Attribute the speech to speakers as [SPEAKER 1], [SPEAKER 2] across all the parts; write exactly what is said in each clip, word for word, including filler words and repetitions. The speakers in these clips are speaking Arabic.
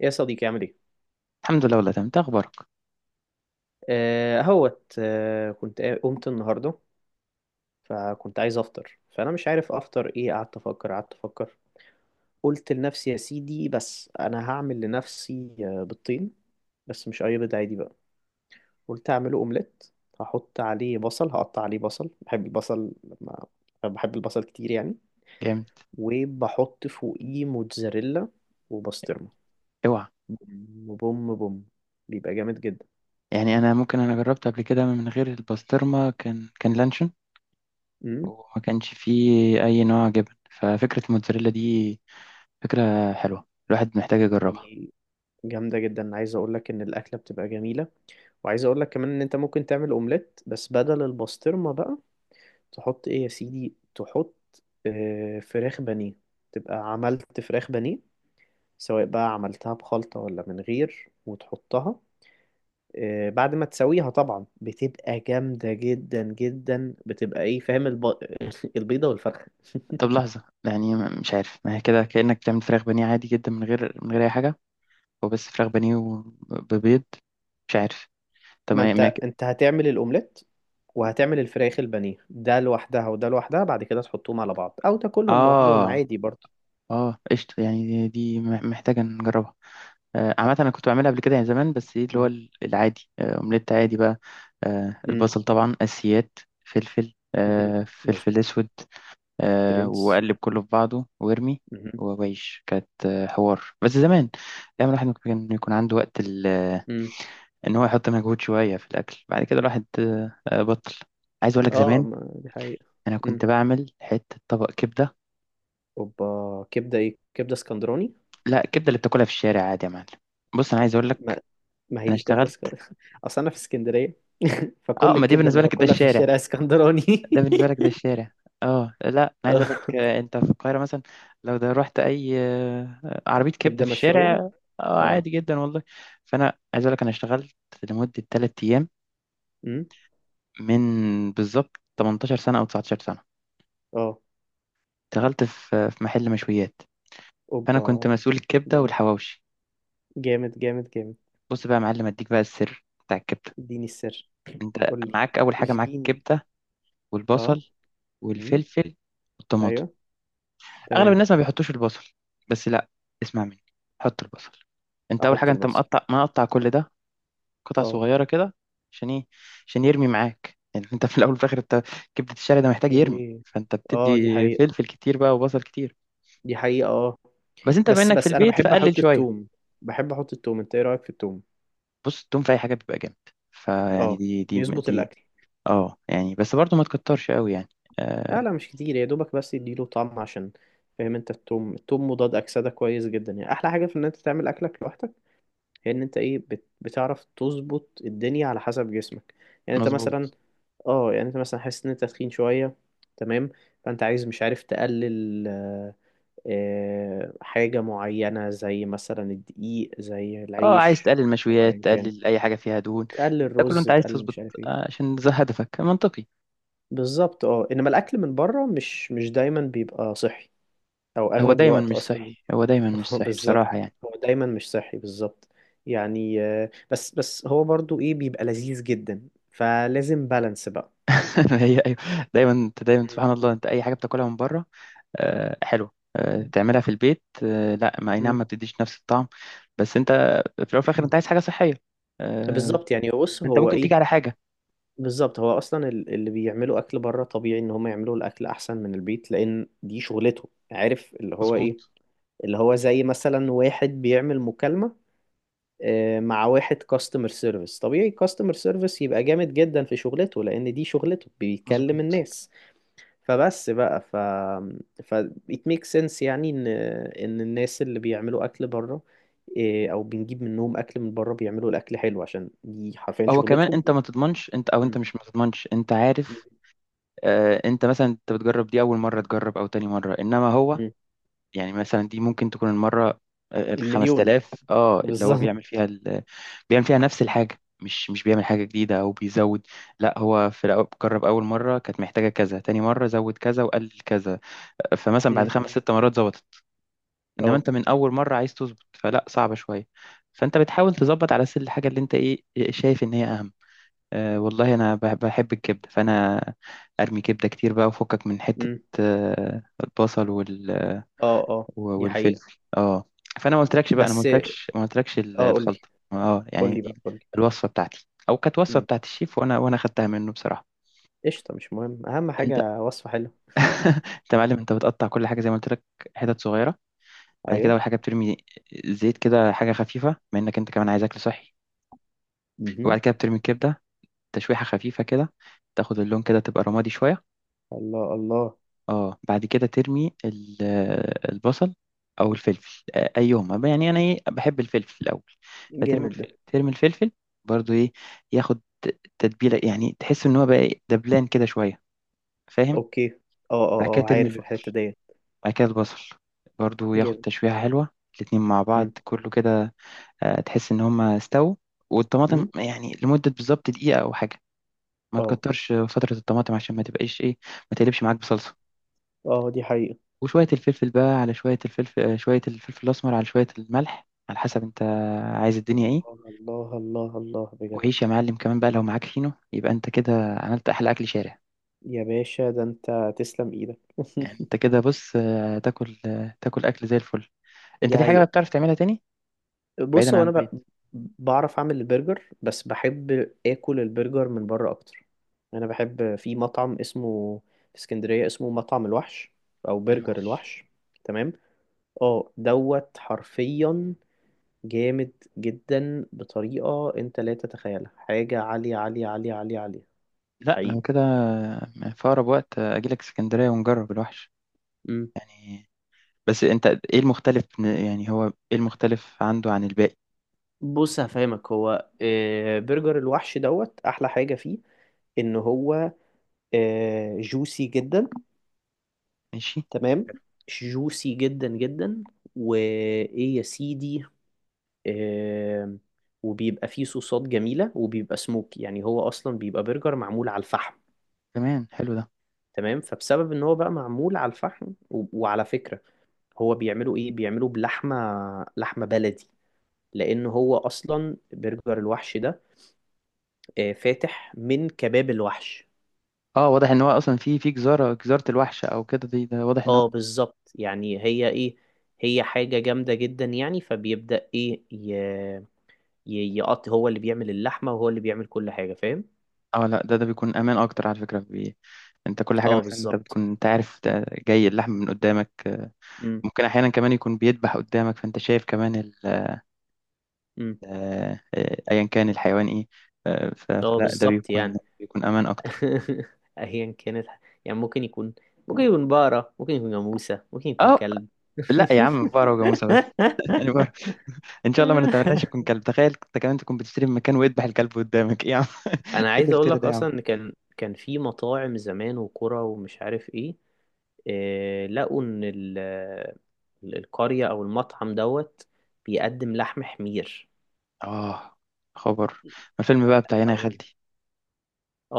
[SPEAKER 1] يا صديقي، عامل ايه؟
[SPEAKER 2] الحمد لله، والله تمام. إنت اخبارك؟
[SPEAKER 1] آه هوت آه كنت قا- قمت النهارده، فكنت عايز افطر، فانا مش عارف افطر ايه. قعدت افكر قعدت افكر قلت لنفسي يا سيدي، بس انا هعمل لنفسي آه، بالطين. بس مش اي بيض عادي بقى، قلت اعمله اومليت. هحط عليه بصل، هقطع عليه بصل، بحب البصل لما بحب البصل كتير يعني.
[SPEAKER 2] جامد.
[SPEAKER 1] وبحط فوقيه موتزاريلا وبسطرمه.
[SPEAKER 2] اوعى.
[SPEAKER 1] بوم، بوم بوم، بيبقى جامد جدا.
[SPEAKER 2] يعني انا ممكن انا جربت قبل كده من غير البسطرمه، كان كان لانشون. وما كانش فيه اي نوع جبن. ففكره الموتزاريلا دي فكره حلوه، الواحد محتاج يجربها.
[SPEAKER 1] امم جامدة جدا. عايز اقول لك ان الاكلة بتبقى جميلة، وعايز اقول لك كمان ان انت ممكن تعمل اومليت، بس بدل البسطرمة بقى تحط ايه يا سيدي؟ تحط آه، فراخ بانيه. تبقى عملت فراخ بانيه، سواء بقى عملتها بخلطة ولا من غير، وتحطها آه، بعد ما تسويها. طبعا بتبقى جامدة جدا جدا، بتبقى ايه؟ فاهم الب... البيضة والفرخة.
[SPEAKER 2] طب لحظه، يعني م- مش عارف. ما هي كده كانك بتعمل فراخ بانيه عادي جدا من غير من غير اي حاجه. هو بس فراخ بانيه وبيض. مش عارف. طب
[SPEAKER 1] ما
[SPEAKER 2] ما ما-
[SPEAKER 1] انت انت هتعمل الاومليت وهتعمل الفراخ البانيه، ده لوحدها وده لوحدها، بعد كده تحطهم على بعض او تاكلهم لوحدهم
[SPEAKER 2] اه
[SPEAKER 1] عادي برضه.
[SPEAKER 2] اه، قشطه. يعني دي دي محتاجه نجربها. آه، عامة أنا كنت بعملها قبل كده يعني زمان. بس إيه اللي هو
[SPEAKER 1] مم.
[SPEAKER 2] ال- العادي، آه، أومليت عادي بقى. آه،
[SPEAKER 1] مم.
[SPEAKER 2] البصل طبعا أساسيات. فلفل،
[SPEAKER 1] مم.
[SPEAKER 2] آه، فلفل
[SPEAKER 1] مظبوط.
[SPEAKER 2] أسود. آه،
[SPEAKER 1] برنس.
[SPEAKER 2] وأقلب كله في بعضه وأرمي.
[SPEAKER 1] مم.
[SPEAKER 2] وعيش، كانت آه، حوار بس زمان. دايما الواحد ممكن يكون عنده وقت ال- آه،
[SPEAKER 1] مم.
[SPEAKER 2] إن هو يحط مجهود شوية في الأكل، بعد كده الواحد آه، آه، بطل. عايز أقول لك
[SPEAKER 1] اه،
[SPEAKER 2] زمان
[SPEAKER 1] ما دي حقيقة.
[SPEAKER 2] أنا
[SPEAKER 1] مم.
[SPEAKER 2] كنت بعمل حتة طبق كبدة.
[SPEAKER 1] اوبا، كبدة ايه؟ كبدة اسكندراني.
[SPEAKER 2] لا، الكبدة اللي بتاكلها في الشارع عادي يا معلم. بص، أنا عايز أقول
[SPEAKER 1] ما,
[SPEAKER 2] لك.
[SPEAKER 1] ما هي
[SPEAKER 2] أنا
[SPEAKER 1] دي كبدة
[SPEAKER 2] اشتغلت.
[SPEAKER 1] اسكندراني اصل انا في اسكندرية
[SPEAKER 2] اه،
[SPEAKER 1] فكل
[SPEAKER 2] ما دي
[SPEAKER 1] الكبدة
[SPEAKER 2] بالنسبة
[SPEAKER 1] اللي
[SPEAKER 2] لك ده
[SPEAKER 1] باكلها في
[SPEAKER 2] الشارع.
[SPEAKER 1] الشارع اسكندراني
[SPEAKER 2] ده بالنسبة لك ده الشارع. اه، لا، انا عايز
[SPEAKER 1] آه.
[SPEAKER 2] اقول لك، آه، انت في القاهرة مثلا. لو ده رحت اي آه، عربية كبدة
[SPEAKER 1] كبدة
[SPEAKER 2] في
[SPEAKER 1] مشوية.
[SPEAKER 2] الشارع. آه،
[SPEAKER 1] اه.
[SPEAKER 2] عادي جدا والله. فانا عايز اقول لك، انا اشتغلت لمدة 3 ايام
[SPEAKER 1] مم.
[SPEAKER 2] من بالظبط 18 سنة او 19 سنة.
[SPEAKER 1] اه.
[SPEAKER 2] اشتغلت في في محل مشويات. فانا كنت
[SPEAKER 1] اوبا.
[SPEAKER 2] مسؤول الكبدة
[SPEAKER 1] جامد
[SPEAKER 2] والحواوشي.
[SPEAKER 1] جامد جامد جامد.
[SPEAKER 2] بص بقى يا معلم، اديك بقى السر بتاع الكبدة.
[SPEAKER 1] اديني السر.
[SPEAKER 2] انت
[SPEAKER 1] قول لي،
[SPEAKER 2] معاك، اول حاجة معاك
[SPEAKER 1] اشجيني.
[SPEAKER 2] الكبدة
[SPEAKER 1] اه.
[SPEAKER 2] والبصل
[SPEAKER 1] امم.
[SPEAKER 2] والفلفل والطماطم.
[SPEAKER 1] ايوه،
[SPEAKER 2] اغلب
[SPEAKER 1] تمام.
[SPEAKER 2] الناس ما بيحطوش البصل. بس لا، اسمع مني، حط البصل. انت اول
[SPEAKER 1] احط
[SPEAKER 2] حاجه انت
[SPEAKER 1] البصل.
[SPEAKER 2] مقطع مقطع كل ده قطع
[SPEAKER 1] اه.
[SPEAKER 2] صغيره كده. عشان ايه؟ عشان يرمي معاك. يعني انت في الاول وفي الاخر انت، كبده الشارع ده محتاج يرمي،
[SPEAKER 1] اوكي،
[SPEAKER 2] فانت
[SPEAKER 1] اه دي
[SPEAKER 2] بتدي
[SPEAKER 1] حقيقة،
[SPEAKER 2] فلفل كتير بقى وبصل كتير.
[SPEAKER 1] دي حقيقة اه.
[SPEAKER 2] بس انت بما
[SPEAKER 1] بس
[SPEAKER 2] انك في
[SPEAKER 1] بس انا
[SPEAKER 2] البيت،
[SPEAKER 1] بحب
[SPEAKER 2] فقلل
[SPEAKER 1] احط
[SPEAKER 2] شويه.
[SPEAKER 1] التوم، بحب احط التوم. انت ايه رأيك في التوم؟
[SPEAKER 2] بص، التوم في اي حاجه بيبقى جامد. فيعني
[SPEAKER 1] اه،
[SPEAKER 2] دي دي
[SPEAKER 1] بيظبط
[SPEAKER 2] دي
[SPEAKER 1] الاكل.
[SPEAKER 2] اه، يعني بس برضو ما تكترش قوي يعني.
[SPEAKER 1] لا
[SPEAKER 2] آه.
[SPEAKER 1] لا، مش كتير، يا دوبك بس يديله طعم، عشان فاهم انت، التوم التوم مضاد اكسدة كويس جدا. يعني احلى حاجة في ان انت تعمل اكلك لوحدك هي ان انت ايه، بت... بتعرف تظبط الدنيا على حسب جسمك. يعني انت مثلا،
[SPEAKER 2] مظبوط.
[SPEAKER 1] اه، يعني انت مثلا حاسس ان انت تخين شوية، تمام، فانت عايز مش عارف تقلل آه، آه، حاجة معينة، زي مثلا الدقيق، زي
[SPEAKER 2] اه، عايز
[SPEAKER 1] العيش،
[SPEAKER 2] تقلل
[SPEAKER 1] او ايا
[SPEAKER 2] مشويات،
[SPEAKER 1] كان.
[SPEAKER 2] تقلل اي حاجه فيها دهون.
[SPEAKER 1] تقلل
[SPEAKER 2] ده كله
[SPEAKER 1] رز،
[SPEAKER 2] انت عايز
[SPEAKER 1] تقلل مش
[SPEAKER 2] تظبط،
[SPEAKER 1] عارف ايه.
[SPEAKER 2] آه، عشان ده هدفك منطقي.
[SPEAKER 1] بالظبط اه، انما الاكل من بره مش مش دايما بيبقى صحي، او
[SPEAKER 2] هو
[SPEAKER 1] اغلب
[SPEAKER 2] دايما
[SPEAKER 1] الوقت
[SPEAKER 2] مش صحي،
[SPEAKER 1] اصلا.
[SPEAKER 2] هو دايما مش صحي
[SPEAKER 1] بالظبط،
[SPEAKER 2] بصراحة يعني.
[SPEAKER 1] هو دايما مش صحي بالظبط. يعني آه، بس بس هو برضو ايه، بيبقى لذيذ جدا، فلازم بالانس بقى.
[SPEAKER 2] هي أيوة. دايما أنت دايما،
[SPEAKER 1] مم.
[SPEAKER 2] سبحان الله، أنت أي حاجة بتاكلها من بره آه، حلوة، آه، تعملها في البيت، آه، لا، ما أي
[SPEAKER 1] مم.
[SPEAKER 2] نعم، ما بتديش نفس الطعم. بس أنت في الأول وفي الآخر، أنت عايز حاجة صحية. آه،
[SPEAKER 1] بالظبط يعني. بص
[SPEAKER 2] أنت
[SPEAKER 1] هو
[SPEAKER 2] ممكن تيجي
[SPEAKER 1] ايه،
[SPEAKER 2] على حاجة.
[SPEAKER 1] بالظبط. هو اصلا ال- اللي بيعملوا اكل بره طبيعي ان هم يعملوا الاكل احسن من البيت، لان دي شغلته، عارف اللي هو ايه.
[SPEAKER 2] مظبوط.
[SPEAKER 1] اللي هو زي مثلا واحد بيعمل مكالمة آه، مع واحد كاستمر سيرفيس، طبيعي كاستمر سيرفيس يبقى جامد جدا في شغلته، لان دي شغلته، بيكلم
[SPEAKER 2] مظبوط.
[SPEAKER 1] الناس. فبس بقى ف ف it makes sense يعني ان ان الناس اللي بيعملوا اكل بره آه، او بنجيب منهم اكل من بره، بيعملوا الاكل حلو عشان دي حرفيا
[SPEAKER 2] هو كمان،
[SPEAKER 1] شغلتهم.
[SPEAKER 2] أنت ما تضمنش أنت، أو
[SPEAKER 1] م-
[SPEAKER 2] أنت مش ما تضمنش، أنت
[SPEAKER 1] م-
[SPEAKER 2] عارف. آه، أنت مثلا أنت بتجرب دي أول مرة تجرب أو تاني مرة، إنما هو.
[SPEAKER 1] م.
[SPEAKER 2] يعني مثلا دي ممكن تكون المرة آه، ال
[SPEAKER 1] المليون
[SPEAKER 2] خمس تلاف، اه، اللي هو
[SPEAKER 1] بالظبط.
[SPEAKER 2] بيعمل فيها ال... بيعمل فيها نفس الحاجة، مش مش بيعمل حاجة جديدة أو بيزود. لا، هو في الأول جرب أول مرة، كانت محتاجة كذا، تاني مرة زود كذا وقلل كذا. فمثلا بعد
[SPEAKER 1] امم.
[SPEAKER 2] خمس ست مرات ظبطت. إنما
[SPEAKER 1] اه.
[SPEAKER 2] أنت من أول مرة عايز تظبط، فلا، صعبة شوية. فأنت بتحاول تظبط على سل الحاجة اللي أنت، إيه إيه، شايف إن هي أهم. أه، والله أنا بح- بحب الكبدة، فأنا أرمي كبدة كتير بقى، وفكك من حتة.
[SPEAKER 1] امم.
[SPEAKER 2] آه، البصل والفلفل
[SPEAKER 1] اه اه
[SPEAKER 2] و-
[SPEAKER 1] دي
[SPEAKER 2] والفلفل
[SPEAKER 1] حقيقة.
[SPEAKER 2] اه، فانا ما قلتلكش بقى، انا ما
[SPEAKER 1] بس.
[SPEAKER 2] قلتلكش ما قلتلكش ال-
[SPEAKER 1] اه قول لي،
[SPEAKER 2] الخلطه اه
[SPEAKER 1] قول
[SPEAKER 2] يعني
[SPEAKER 1] لي بقى
[SPEAKER 2] دي.
[SPEAKER 1] قول لي
[SPEAKER 2] الوصفه بتاعتي، او كانت وصفه
[SPEAKER 1] امم.
[SPEAKER 2] بتاعت الشيف، وانا وانا خدتها منه بصراحه.
[SPEAKER 1] قشطة، مش مهم، أهم
[SPEAKER 2] انت
[SPEAKER 1] حاجة وصفة حلوة.
[SPEAKER 2] انت يا معلم، انت بتقطع كل حاجه زي ما قلت لك، حتت صغيره. بعد كده،
[SPEAKER 1] أيوه.
[SPEAKER 2] اول حاجه بترمي زيت كده حاجه خفيفه، بما انك انت كمان عايز اكل صحي.
[SPEAKER 1] امم.
[SPEAKER 2] وبعد كده بترمي الكبده تشويحه خفيفه كده، تاخد اللون كده تبقى رمادي شويه.
[SPEAKER 1] الله الله.
[SPEAKER 2] اه، بعد كده ترمي ال- البصل او الفلفل، آه، ايهما بقى. يعني انا، ايه، بحب الفلفل الاول. فترمي
[SPEAKER 1] جامد ده.
[SPEAKER 2] الفلفل، ترمي الفلفل برضو، ايه، ياخد تتبيله. يعني تحس ان هو بقى، إيه، دبلان كده شويه، فاهم؟
[SPEAKER 1] أوكي. اه اه
[SPEAKER 2] بعد كده
[SPEAKER 1] اه،
[SPEAKER 2] ترمي
[SPEAKER 1] عارف
[SPEAKER 2] البصل.
[SPEAKER 1] الحتة ديت.
[SPEAKER 2] بعد كده البصل برضو ياخد
[SPEAKER 1] جامد.
[SPEAKER 2] تشويحه حلوه. الاتنين مع بعض
[SPEAKER 1] امم.
[SPEAKER 2] كله كده، آه، تحس ان هما استووا. والطماطم
[SPEAKER 1] امم.
[SPEAKER 2] يعني لمده بالظبط دقيقه او حاجه. ما
[SPEAKER 1] اه.
[SPEAKER 2] تكترش فتره الطماطم عشان ما تبقاش، ايه، ما تقلبش معاك بصلصه.
[SPEAKER 1] اه دي حقيقة.
[SPEAKER 2] وشوية الفلفل بقى على شوية الفلفل، آه، شوية الفلفل الأسمر على شوية الملح، على حسب أنت عايز الدنيا إيه.
[SPEAKER 1] الله الله الله الله بجد.
[SPEAKER 2] وعيش يا معلم كمان بقى، لو معاك فينو، يبقى أنت كده عملت أحلى أكل شارع.
[SPEAKER 1] يا باشا، ده أنت، تسلم إيدك
[SPEAKER 2] يعني أنت كده بص، آه، تاكل آه، تاكل أكل زي الفل. أنت
[SPEAKER 1] دي
[SPEAKER 2] في حاجة بقى
[SPEAKER 1] حقيقة.
[SPEAKER 2] بتعرف تعملها، تاني
[SPEAKER 1] بص
[SPEAKER 2] بعيدا
[SPEAKER 1] هو
[SPEAKER 2] عن
[SPEAKER 1] انا
[SPEAKER 2] البيت.
[SPEAKER 1] ب... بعرف اعمل البرجر، بس بحب اكل البرجر من بره اكتر. انا بحب في مطعم اسمه، في اسكندريه، اسمه مطعم الوحش، او برجر
[SPEAKER 2] الوحش.
[SPEAKER 1] الوحش. تمام. اه دوت حرفيا جامد جدا، بطريقه انت لا تتخيلها، حاجه عاليه عاليه عاليه عاليه عاليه
[SPEAKER 2] لا،
[SPEAKER 1] حقيقي.
[SPEAKER 2] لو كده آه، في أقرب وقت آه، أجيلك اسكندرية ونجرب الوحش.
[SPEAKER 1] مم.
[SPEAKER 2] يعني، بس أنت إيه المختلف؟ يعني هو إيه المختلف عنده عن الباقي؟
[SPEAKER 1] بص هفهمك، هو آه، برجر الوحش دوت، احلى حاجه فيه ان هو جوسي جدا.
[SPEAKER 2] ماشي.
[SPEAKER 1] تمام. جوسي جدا جدا. وايه يا سيدي، آه، وبيبقى فيه صوصات جميلة، وبيبقى سموك. يعني هو أصلا بيبقى برجر معمول على الفحم.
[SPEAKER 2] تمام، حلو ده.
[SPEAKER 1] تمام. فبسبب إن هو بقى معمول على الفحم و... وعلى فكرة، هو بيعملوا إيه، بيعملوا بلحمة، لحمة بلدي، لأن هو أصلا برجر الوحش ده آه فاتح من كباب الوحش.
[SPEAKER 2] اه، واضح ان هو اصلا في في جزاره جزاره الوحش او كده، دي ده واضح ان هو.
[SPEAKER 1] اه بالظبط. يعني هي إيه، هي حاجة جامدة جدا. يعني فبيبدأ إيه ي... ي- يقط، هو اللي بيعمل اللحمة وهو اللي بيعمل كل حاجة، فاهم.
[SPEAKER 2] اه، لا، ده ده بيكون امان اكتر على فكره بي... انت كل حاجه
[SPEAKER 1] اه
[SPEAKER 2] مثلا، انت
[SPEAKER 1] بالظبط.
[SPEAKER 2] بتكون انت عارف ده جاي اللحم من قدامك، آه،
[SPEAKER 1] امم.
[SPEAKER 2] ممكن احيانا كمان يكون بيذبح قدامك، فانت شايف كمان ال...
[SPEAKER 1] امم.
[SPEAKER 2] آه، آه، ايا كان الحيوان ايه. آه، ف...
[SPEAKER 1] اه
[SPEAKER 2] فلا ده
[SPEAKER 1] بالظبط
[SPEAKER 2] بيكون
[SPEAKER 1] يعني.
[SPEAKER 2] بيكون امان اكتر.
[SPEAKER 1] ايا كانت، يعني ممكن يكون، ممكن يكون بقرة، ممكن يكون جاموسة، ممكن يكون
[SPEAKER 2] اه
[SPEAKER 1] كلب
[SPEAKER 2] لا يا عم، بقرة وجاموسة بس. يعني بقرة. ان شاء الله ما نتمناش يكون كلب. تخيل انت كمان تكون بتشتري من مكان ويذبح الكلب قدامك، ايه يا عم
[SPEAKER 1] انا
[SPEAKER 2] ايه
[SPEAKER 1] عايز اقول
[SPEAKER 2] الافتراء
[SPEAKER 1] لك
[SPEAKER 2] ده يا عم.
[SPEAKER 1] اصلا ان كان كان في مطاعم زمان، وكرة ومش عارف ايه، آه، لقوا ان ال- ال- القرية او المطعم دوت بيقدم لحم حمير.
[SPEAKER 2] اه، خبر ما الفيلم بقى بتاع هنا يا
[SPEAKER 1] اه.
[SPEAKER 2] خالتي.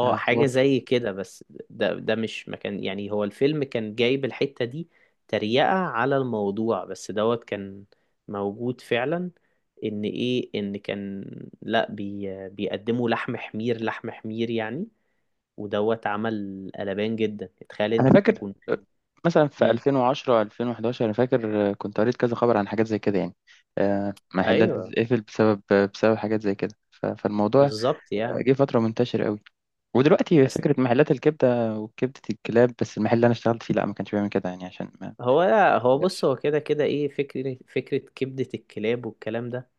[SPEAKER 2] ده
[SPEAKER 1] حاجة
[SPEAKER 2] حوار.
[SPEAKER 1] زي كده، بس ده ده مش مكان. يعني هو الفيلم كان جايب الحتة دي تريقة على الموضوع، بس دوت كان موجود فعلا. ان ايه، ان كان، لا بي بيقدموا لحم حمير، لحم حمير يعني، ودوت عمل قلبان جدا. تخيل
[SPEAKER 2] انا
[SPEAKER 1] انت
[SPEAKER 2] فاكر
[SPEAKER 1] تكون.
[SPEAKER 2] مثلا في
[SPEAKER 1] مم.
[SPEAKER 2] الفين وعشرة الفين وحداشر، انا فاكر كنت قريت كذا خبر عن حاجات زي كده يعني. آه، محلات
[SPEAKER 1] ايوه
[SPEAKER 2] بتتقفل بسبب بسبب حاجات زي كده، ف- فالموضوع
[SPEAKER 1] بالظبط يعني.
[SPEAKER 2] جه فترة منتشر قوي. ودلوقتي
[SPEAKER 1] بس
[SPEAKER 2] فكرة محلات الكبدة وكبدة الكلاب، بس المحل اللي أنا اشتغلت فيه لا، ما كانش بيعمل كده يعني عشان ما
[SPEAKER 1] هو هو بص،
[SPEAKER 2] بلاش.
[SPEAKER 1] هو كده كده ايه، فكرة فكرة كبدة الكلاب والكلام ده.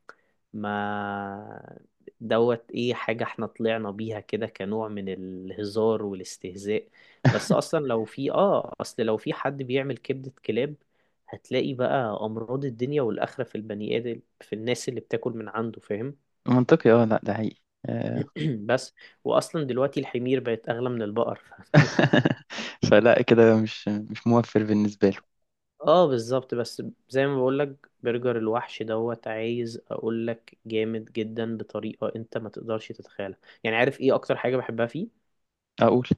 [SPEAKER 1] ما دوت ايه، حاجة احنا طلعنا بيها كده كنوع من الهزار والاستهزاء. بس اصلا لو في، اه اصل لو في حد بيعمل كبدة كلاب، هتلاقي بقى امراض الدنيا والاخرة في البني ادم، في الناس اللي بتاكل من عنده، فاهم.
[SPEAKER 2] منطقي، اه، لا ده حقيقي. آه.
[SPEAKER 1] بس واصلا دلوقتي الحمير بقت اغلى من البقر.
[SPEAKER 2] فلا كده مش مش موفر بالنسبة له.
[SPEAKER 1] اه بالظبط. بس زي ما بقولك، برجر الوحش دوت عايز اقولك جامد جدا، بطريقة انت ما تقدرش تتخيلها. يعني عارف ايه اكتر حاجة بحبها فيه؟
[SPEAKER 2] أقول.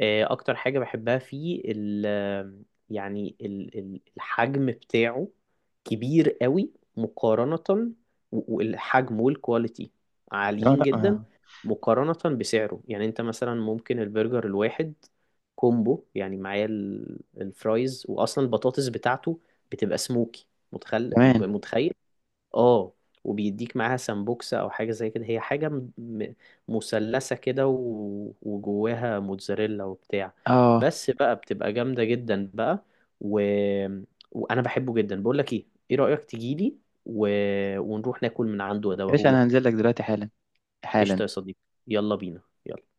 [SPEAKER 1] آه، اكتر حاجة بحبها فيه ال، يعني ال ال- الحجم بتاعه كبير قوي مقارنة، و- والحجم والكواليتي
[SPEAKER 2] اه،
[SPEAKER 1] عاليين
[SPEAKER 2] لا.
[SPEAKER 1] جدا
[SPEAKER 2] آه.
[SPEAKER 1] مقارنة بسعره. يعني انت مثلا ممكن البرجر الواحد كومبو، يعني معاه ال- الفرايز، واصلا البطاطس بتاعته بتبقى سموكي، متخيل؟
[SPEAKER 2] كمان.
[SPEAKER 1] متخيل اه، وبيديك معاها سمبوكسة او حاجة زي كده، هي حاجة م- م- مثلثة كده و- وجواها موتزاريلا وبتاع.
[SPEAKER 2] اه
[SPEAKER 1] بس بقى بتبقى جامدة جدا بقى. و... وانا بحبه جدا. بقول لك ايه، ايه رأيك تجيلي و... ونروح ناكل من عنده
[SPEAKER 2] يا باشا، أنا
[SPEAKER 1] وادوقهولك.
[SPEAKER 2] هنزل لك دلوقتي حالا،
[SPEAKER 1] قشطة
[SPEAKER 2] حالا
[SPEAKER 1] يا صديقي، يلا بينا، يلا.